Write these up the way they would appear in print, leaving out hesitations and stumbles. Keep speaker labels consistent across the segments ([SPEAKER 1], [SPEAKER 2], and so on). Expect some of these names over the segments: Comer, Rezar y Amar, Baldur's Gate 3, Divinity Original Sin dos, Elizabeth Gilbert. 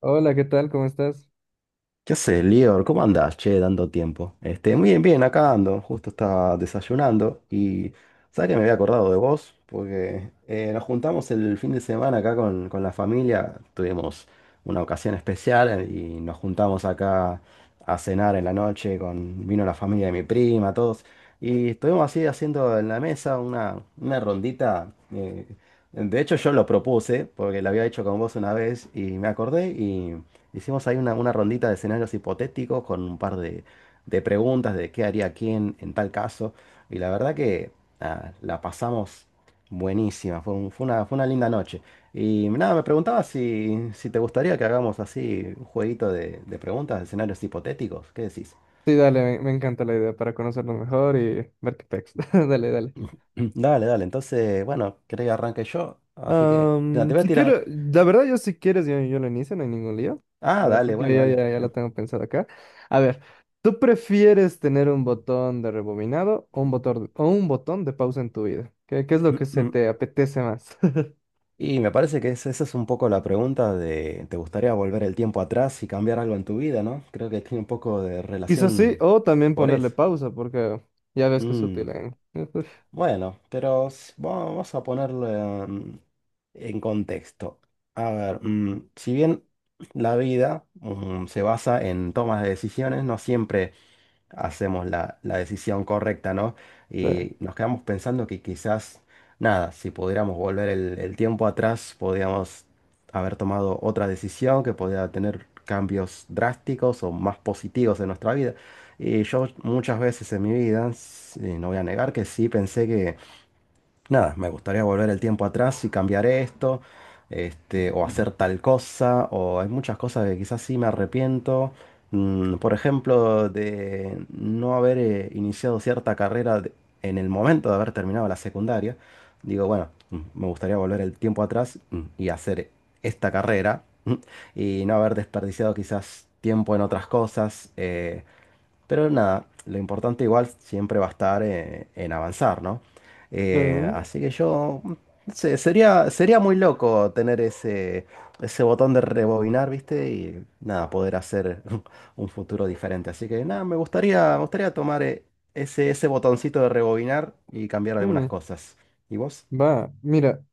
[SPEAKER 1] Hola, ¿qué tal? ¿Cómo estás?
[SPEAKER 2] ¿Qué haces, Lior? ¿Cómo andás, che, tanto tiempo? Muy bien, bien, acá ando, justo estaba desayunando y sabes que me había acordado de vos, porque nos juntamos el fin de semana acá con la familia, tuvimos una ocasión especial y nos juntamos acá a cenar en la noche, con, vino la familia de mi prima, todos, y estuvimos así haciendo en la mesa una rondita. eh, de hecho, yo lo propuse, porque lo había hecho con vos una vez y me acordé. Hicimos ahí una rondita de escenarios hipotéticos con un par de preguntas de qué haría quién en tal caso. Y la verdad que nada, la pasamos buenísima. Fue fue una linda noche. Y nada, me preguntaba si te gustaría que hagamos así un jueguito de preguntas de escenarios hipotéticos. ¿Qué decís?
[SPEAKER 1] Sí, dale, me encanta la idea para conocernos mejor y ver qué pex. Dale, dale.
[SPEAKER 2] Dale, dale. Entonces, bueno, querés que arranque yo. Así que nada, te voy a
[SPEAKER 1] Si quiero,
[SPEAKER 2] tirar.
[SPEAKER 1] la verdad, yo si quieres, yo lo inicio, no hay ningún lío. A
[SPEAKER 2] Ah,
[SPEAKER 1] ver,
[SPEAKER 2] dale,
[SPEAKER 1] porque yo
[SPEAKER 2] bueno,
[SPEAKER 1] ya,
[SPEAKER 2] dale.
[SPEAKER 1] ya, ya la tengo pensada acá. A ver, ¿tú prefieres tener un botón de rebobinado o un botón de pausa en tu vida? ¿Qué es lo que se te apetece más?
[SPEAKER 2] Y me parece que esa es un poco la pregunta de, ¿te gustaría volver el tiempo atrás y cambiar algo en tu vida, no? Creo que tiene un poco de
[SPEAKER 1] Quizás sí,
[SPEAKER 2] relación
[SPEAKER 1] o también
[SPEAKER 2] por
[SPEAKER 1] ponerle
[SPEAKER 2] eso.
[SPEAKER 1] pausa, porque ya ves que es útil
[SPEAKER 2] Mm.
[SPEAKER 1] en... Uf,
[SPEAKER 2] Bueno, vamos a ponerlo em, en contexto. A ver, si bien la vida se basa en tomas de decisiones, no siempre hacemos la decisión correcta, ¿no?
[SPEAKER 1] sí.
[SPEAKER 2] Y nos quedamos pensando que quizás, nada, si pudiéramos volver el tiempo atrás, podríamos haber tomado otra decisión que podía tener cambios drásticos o más positivos en nuestra vida. Y yo muchas veces en mi vida, no voy a negar que sí pensé que nada, me gustaría volver el tiempo atrás y cambiar esto, este, o hacer tal cosa, o hay muchas cosas que quizás sí me arrepiento. Por ejemplo, de no haber iniciado cierta carrera en el momento de haber terminado la secundaria. Digo, bueno, me gustaría volver el tiempo atrás y hacer esta carrera y no haber desperdiciado quizás tiempo en otras cosas. Pero nada, lo importante igual siempre va a estar en avanzar, ¿no?
[SPEAKER 1] Ujú.
[SPEAKER 2] Así que yo, no sé, sería muy loco tener ese botón de rebobinar, ¿viste? Y nada, poder hacer un futuro diferente. Así que nada, me gustaría tomar ese botoncito de rebobinar y cambiar algunas
[SPEAKER 1] Mm,
[SPEAKER 2] cosas. ¿Y vos?
[SPEAKER 1] Va, mira.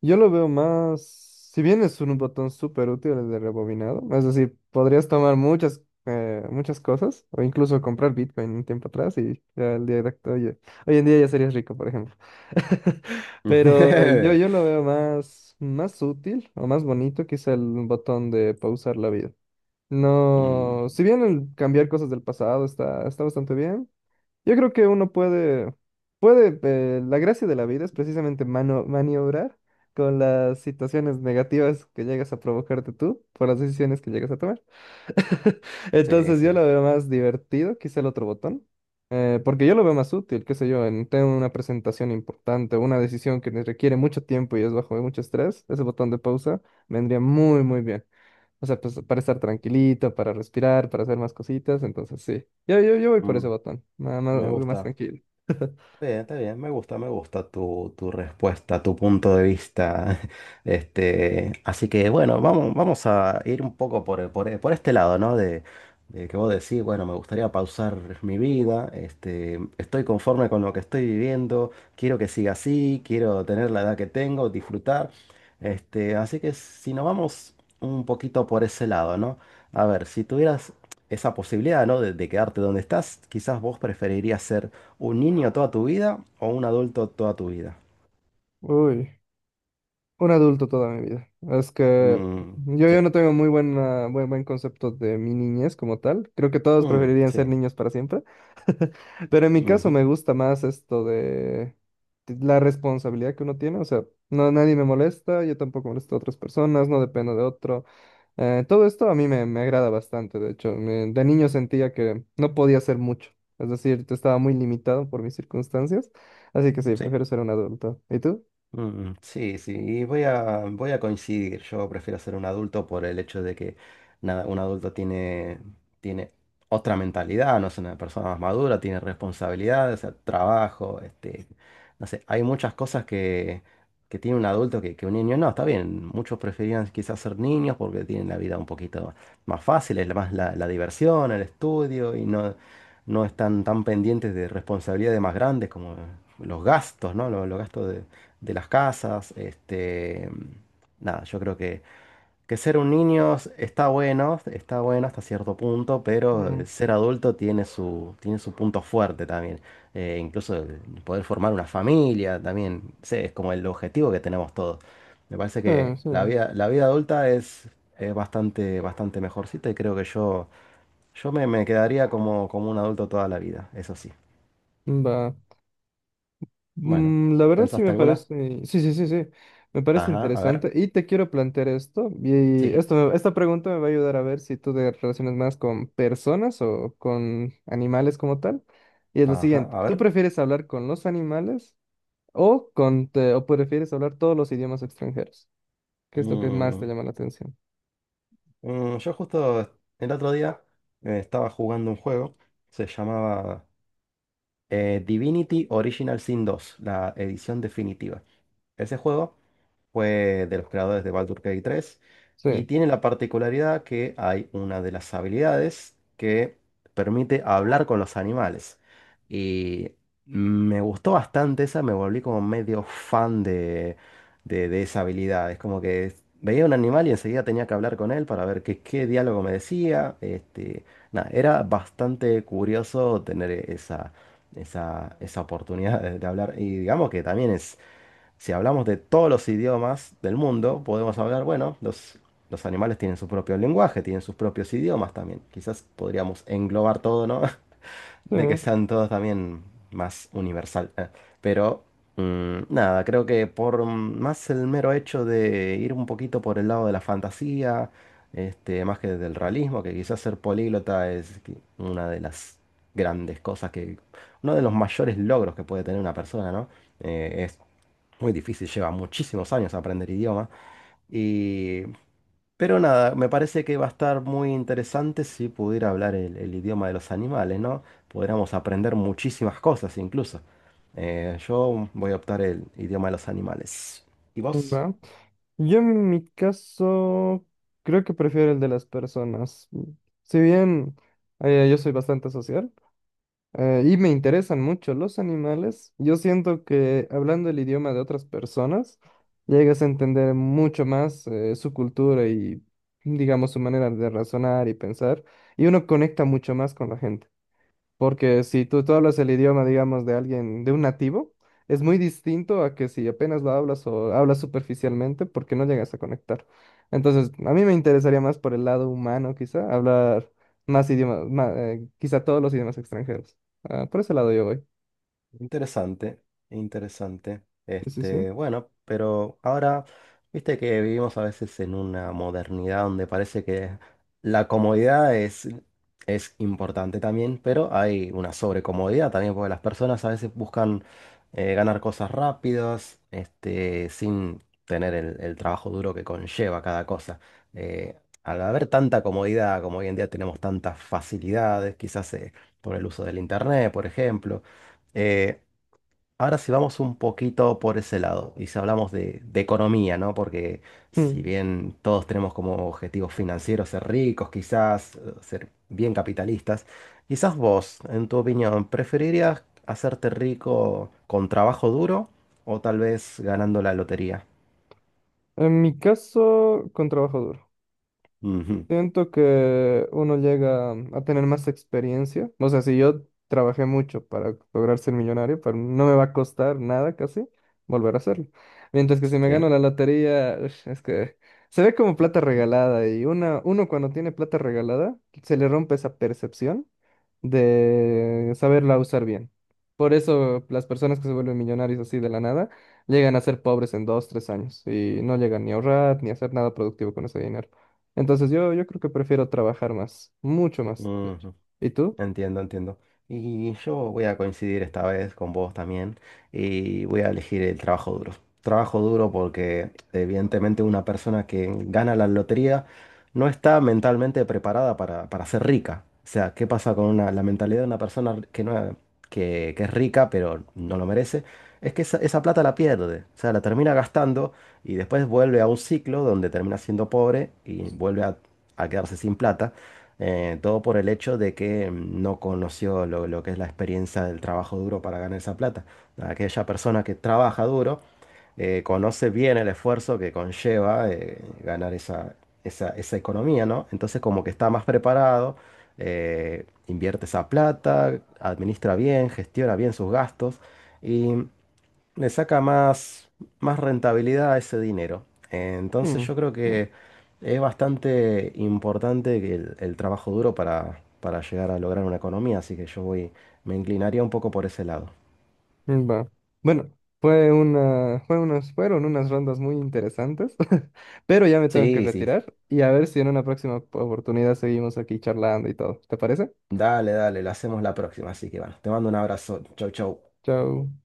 [SPEAKER 1] Yo lo veo más, si bien es un botón súper útil el de rebobinado, es decir, podrías tomar muchas, muchas cosas o incluso comprar Bitcoin un tiempo atrás y ya el día de hoy, hoy en día ya serías rico, por ejemplo. Pero yo, yo lo veo más, más útil o más bonito quizá el botón de pausar la vida.
[SPEAKER 2] Mm,
[SPEAKER 1] No, si bien el cambiar cosas del pasado está bastante bien, yo creo que uno puede, puede, la gracia de la vida es precisamente maniobrar con las situaciones negativas que llegas a provocarte tú por las decisiones que llegas a tomar.
[SPEAKER 2] sí,
[SPEAKER 1] Entonces yo lo
[SPEAKER 2] sí.
[SPEAKER 1] veo más divertido, quizá el otro botón, porque yo lo veo más útil, qué sé yo, en tengo una presentación importante, una decisión que me requiere mucho tiempo y es bajo mucho estrés, ese botón de pausa vendría muy bien. O sea, pues para estar tranquilito, para respirar, para hacer más cositas. Entonces, sí. Yo voy por ese
[SPEAKER 2] Mm,
[SPEAKER 1] botón. Nada más,
[SPEAKER 2] me
[SPEAKER 1] algo más
[SPEAKER 2] gusta.
[SPEAKER 1] tranquilo.
[SPEAKER 2] Está bien, me gusta tu, tu respuesta, tu punto de vista. Este, así que bueno, vamos a ir un poco por este lado, ¿no? De que vos decís, bueno, me gustaría pausar mi vida, este, estoy conforme con lo que estoy viviendo, quiero que siga así, quiero tener la edad que tengo, disfrutar. Este, así que si nos vamos un poquito por ese lado, ¿no? A ver, si tuvieras esa posibilidad, ¿no? De quedarte donde estás, quizás vos preferirías ser ¿un niño toda tu vida o un adulto toda tu vida?
[SPEAKER 1] Uy, un adulto toda mi vida. Es que
[SPEAKER 2] Mm,
[SPEAKER 1] yo,
[SPEAKER 2] sí.
[SPEAKER 1] yo no tengo muy buen concepto de mi niñez como tal. Creo que todos
[SPEAKER 2] Mm,
[SPEAKER 1] preferirían ser
[SPEAKER 2] sí.
[SPEAKER 1] niños para siempre. Pero en mi caso
[SPEAKER 2] Ujú,
[SPEAKER 1] me gusta más esto de la responsabilidad que uno tiene. O sea, no, nadie me molesta, yo tampoco molesto a otras personas, no dependo de otro. Todo esto a mí me agrada bastante, de hecho, de niño sentía que no podía hacer mucho, es decir, te estaba muy limitado por mis circunstancias, así que sí,
[SPEAKER 2] sí.
[SPEAKER 1] prefiero ser un adulto. ¿Y tú?
[SPEAKER 2] Sí, sí, y voy a coincidir. Yo prefiero ser un adulto por el hecho de que nada, tiene otra mentalidad, no es una persona más madura, tiene responsabilidades, o sea, trabajo, este, no sé, hay muchas cosas que tiene un adulto que un niño no, está bien. Muchos preferían quizás ser niños porque tienen la vida un poquito más fácil, es más la diversión, el estudio y no, no están tan pendientes de responsabilidades más grandes como los gastos, ¿no? Los gastos de las casas. Este, nada, yo creo que ser un niño está bueno hasta cierto punto, pero
[SPEAKER 1] Mm.
[SPEAKER 2] ser adulto tiene su punto fuerte también. Incluso el poder formar una familia también, no sé, es como el objetivo que tenemos todos. Me parece que
[SPEAKER 1] Sí,
[SPEAKER 2] la vida adulta es bastante, bastante mejorcita y creo que me quedaría como, como un adulto toda la vida, eso sí.
[SPEAKER 1] va.
[SPEAKER 2] Bueno,
[SPEAKER 1] La verdad sí me
[SPEAKER 2] ¿pensaste alguna?
[SPEAKER 1] parece, sí, sí, sí, sí, me parece
[SPEAKER 2] Ajá, a ver.
[SPEAKER 1] interesante y te quiero plantear esto y
[SPEAKER 2] Sí.
[SPEAKER 1] esto, esta pregunta me va a ayudar a ver si tú te relacionas más con personas o con animales como tal. Y es lo
[SPEAKER 2] Ajá,
[SPEAKER 1] siguiente,
[SPEAKER 2] a
[SPEAKER 1] ¿tú
[SPEAKER 2] ver.
[SPEAKER 1] prefieres hablar con los animales o, o prefieres hablar todos los idiomas extranjeros, qué es lo que más te
[SPEAKER 2] Mm,
[SPEAKER 1] llama la atención?
[SPEAKER 2] yo justo el otro día estaba jugando un juego, se llamaba Divinity Original Sin dos la edición definitiva. Ese juego fue de los creadores de Baldur's Gate 3
[SPEAKER 1] Sí,
[SPEAKER 2] y tiene la particularidad que hay una de las habilidades que permite hablar con los animales. Y me gustó bastante esa, me volví como medio fan de esa habilidad. Es como que veía un animal y enseguida tenía que hablar con él para ver qué, qué diálogo me decía. Este, nada, era bastante curioso tener esa oportunidad de hablar. Y digamos que también es si hablamos de todos los idiomas del mundo, podemos hablar, bueno, los animales tienen su propio lenguaje, tienen sus propios idiomas también. Quizás podríamos englobar todo, ¿no?
[SPEAKER 1] sí,
[SPEAKER 2] De que sean todos también más universal. Pero, nada, creo que por más el mero hecho de ir un poquito por el lado de la fantasía, este, más que del realismo, que quizás ser políglota es una de las grandes cosas que, uno de los mayores logros que puede tener una persona, ¿no? Eh, Muy difícil, lleva muchísimos años aprender idioma. Y... Pero nada, me parece que va a estar muy interesante si pudiera hablar el idioma de los animales, ¿no? Podríamos aprender muchísimas cosas incluso. Yo voy a optar el idioma de los animales. ¿Y vos?
[SPEAKER 1] va. Yo en mi caso creo que prefiero el de las personas. Si bien yo soy bastante social, y me interesan mucho los animales, yo siento que hablando el idioma de otras personas llegas a entender mucho más su cultura y, digamos, su manera de razonar y pensar, y uno conecta mucho más con la gente. Porque si tú hablas el idioma, digamos, de alguien, de un nativo, es muy distinto a que si apenas lo hablas o hablas superficialmente porque no llegas a conectar. Entonces, a mí me interesaría más por el lado humano, quizá, hablar más idiomas, quizá todos los idiomas extranjeros. Ah, por ese lado yo voy.
[SPEAKER 2] Interesante, interesante.
[SPEAKER 1] Sí, sí, sí.
[SPEAKER 2] Este, bueno, pero ahora, viste que vivimos a veces en una modernidad donde parece que la comodidad es, es importante también, pero hay una sobrecomodidad también, porque las personas a veces buscan ganar cosas rápidas, este, sin tener el trabajo duro que conlleva cada cosa. Eh, Al haber tanta comodidad, como hoy en día tenemos tantas facilidades, quizás por el uso del internet, por ejemplo. Eh, Ahora si vamos un poquito por ese lado y si hablamos de economía, ¿no? Porque si
[SPEAKER 1] Mm.
[SPEAKER 2] bien todos tenemos como objetivos financieros ser ricos, quizás ser bien capitalistas, quizás vos, en tu opinión, ¿preferirías hacerte rico con trabajo duro o tal vez ganando la lotería?
[SPEAKER 1] En mi caso, con trabajo duro.
[SPEAKER 2] Ujú.
[SPEAKER 1] Siento que uno llega a tener más experiencia. O sea, si yo trabajé mucho para lograr ser millonario, pero no me va a costar nada casi volver a hacerlo. Mientras que si me gano
[SPEAKER 2] Sí.
[SPEAKER 1] la lotería, ush, es que se ve como plata regalada y una, uno cuando tiene plata regalada se le rompe esa percepción de saberla usar bien. Por eso las personas que se vuelven millonarios así de la nada llegan a ser pobres en dos, tres años y no llegan ni a ahorrar ni a hacer nada productivo con ese dinero. Entonces yo creo que prefiero trabajar más, mucho más, de hecho.
[SPEAKER 2] Ujú.
[SPEAKER 1] ¿Y tú?
[SPEAKER 2] Entiendo, entiendo. Y yo voy a coincidir esta vez con vos también y voy a elegir el trabajo duro. Trabajo duro porque evidentemente una persona que gana la lotería no está mentalmente preparada para ser rica. O sea, ¿qué pasa con la mentalidad de una persona que, no, que es rica pero no lo merece? Es que esa plata la pierde, o sea, la termina gastando y después vuelve a un ciclo donde termina siendo pobre y vuelve a quedarse sin plata todo por el hecho de que no conoció lo que es la experiencia del trabajo duro para ganar esa plata. Aquella persona que trabaja duro conoce bien el esfuerzo que conlleva ganar esa economía, ¿no? Entonces como que está más preparado, invierte esa plata, administra bien, gestiona bien sus gastos. Y le saca más rentabilidad a ese dinero. Entonces
[SPEAKER 1] Mm,
[SPEAKER 2] yo creo
[SPEAKER 1] mm,
[SPEAKER 2] que es bastante importante el trabajo duro para llegar a lograr una economía, así que me inclinaría un poco por ese lado.
[SPEAKER 1] Va. Bueno, fue una, fue unas, fueron unas rondas muy interesantes, pero ya me tengo que
[SPEAKER 2] Sí, sí,
[SPEAKER 1] retirar y a ver si en una próxima oportunidad seguimos aquí charlando y todo. ¿Te parece?
[SPEAKER 2] dale, dale, lo hacemos la próxima, así que bueno, te mando un abrazo, chau, chau.
[SPEAKER 1] Chao.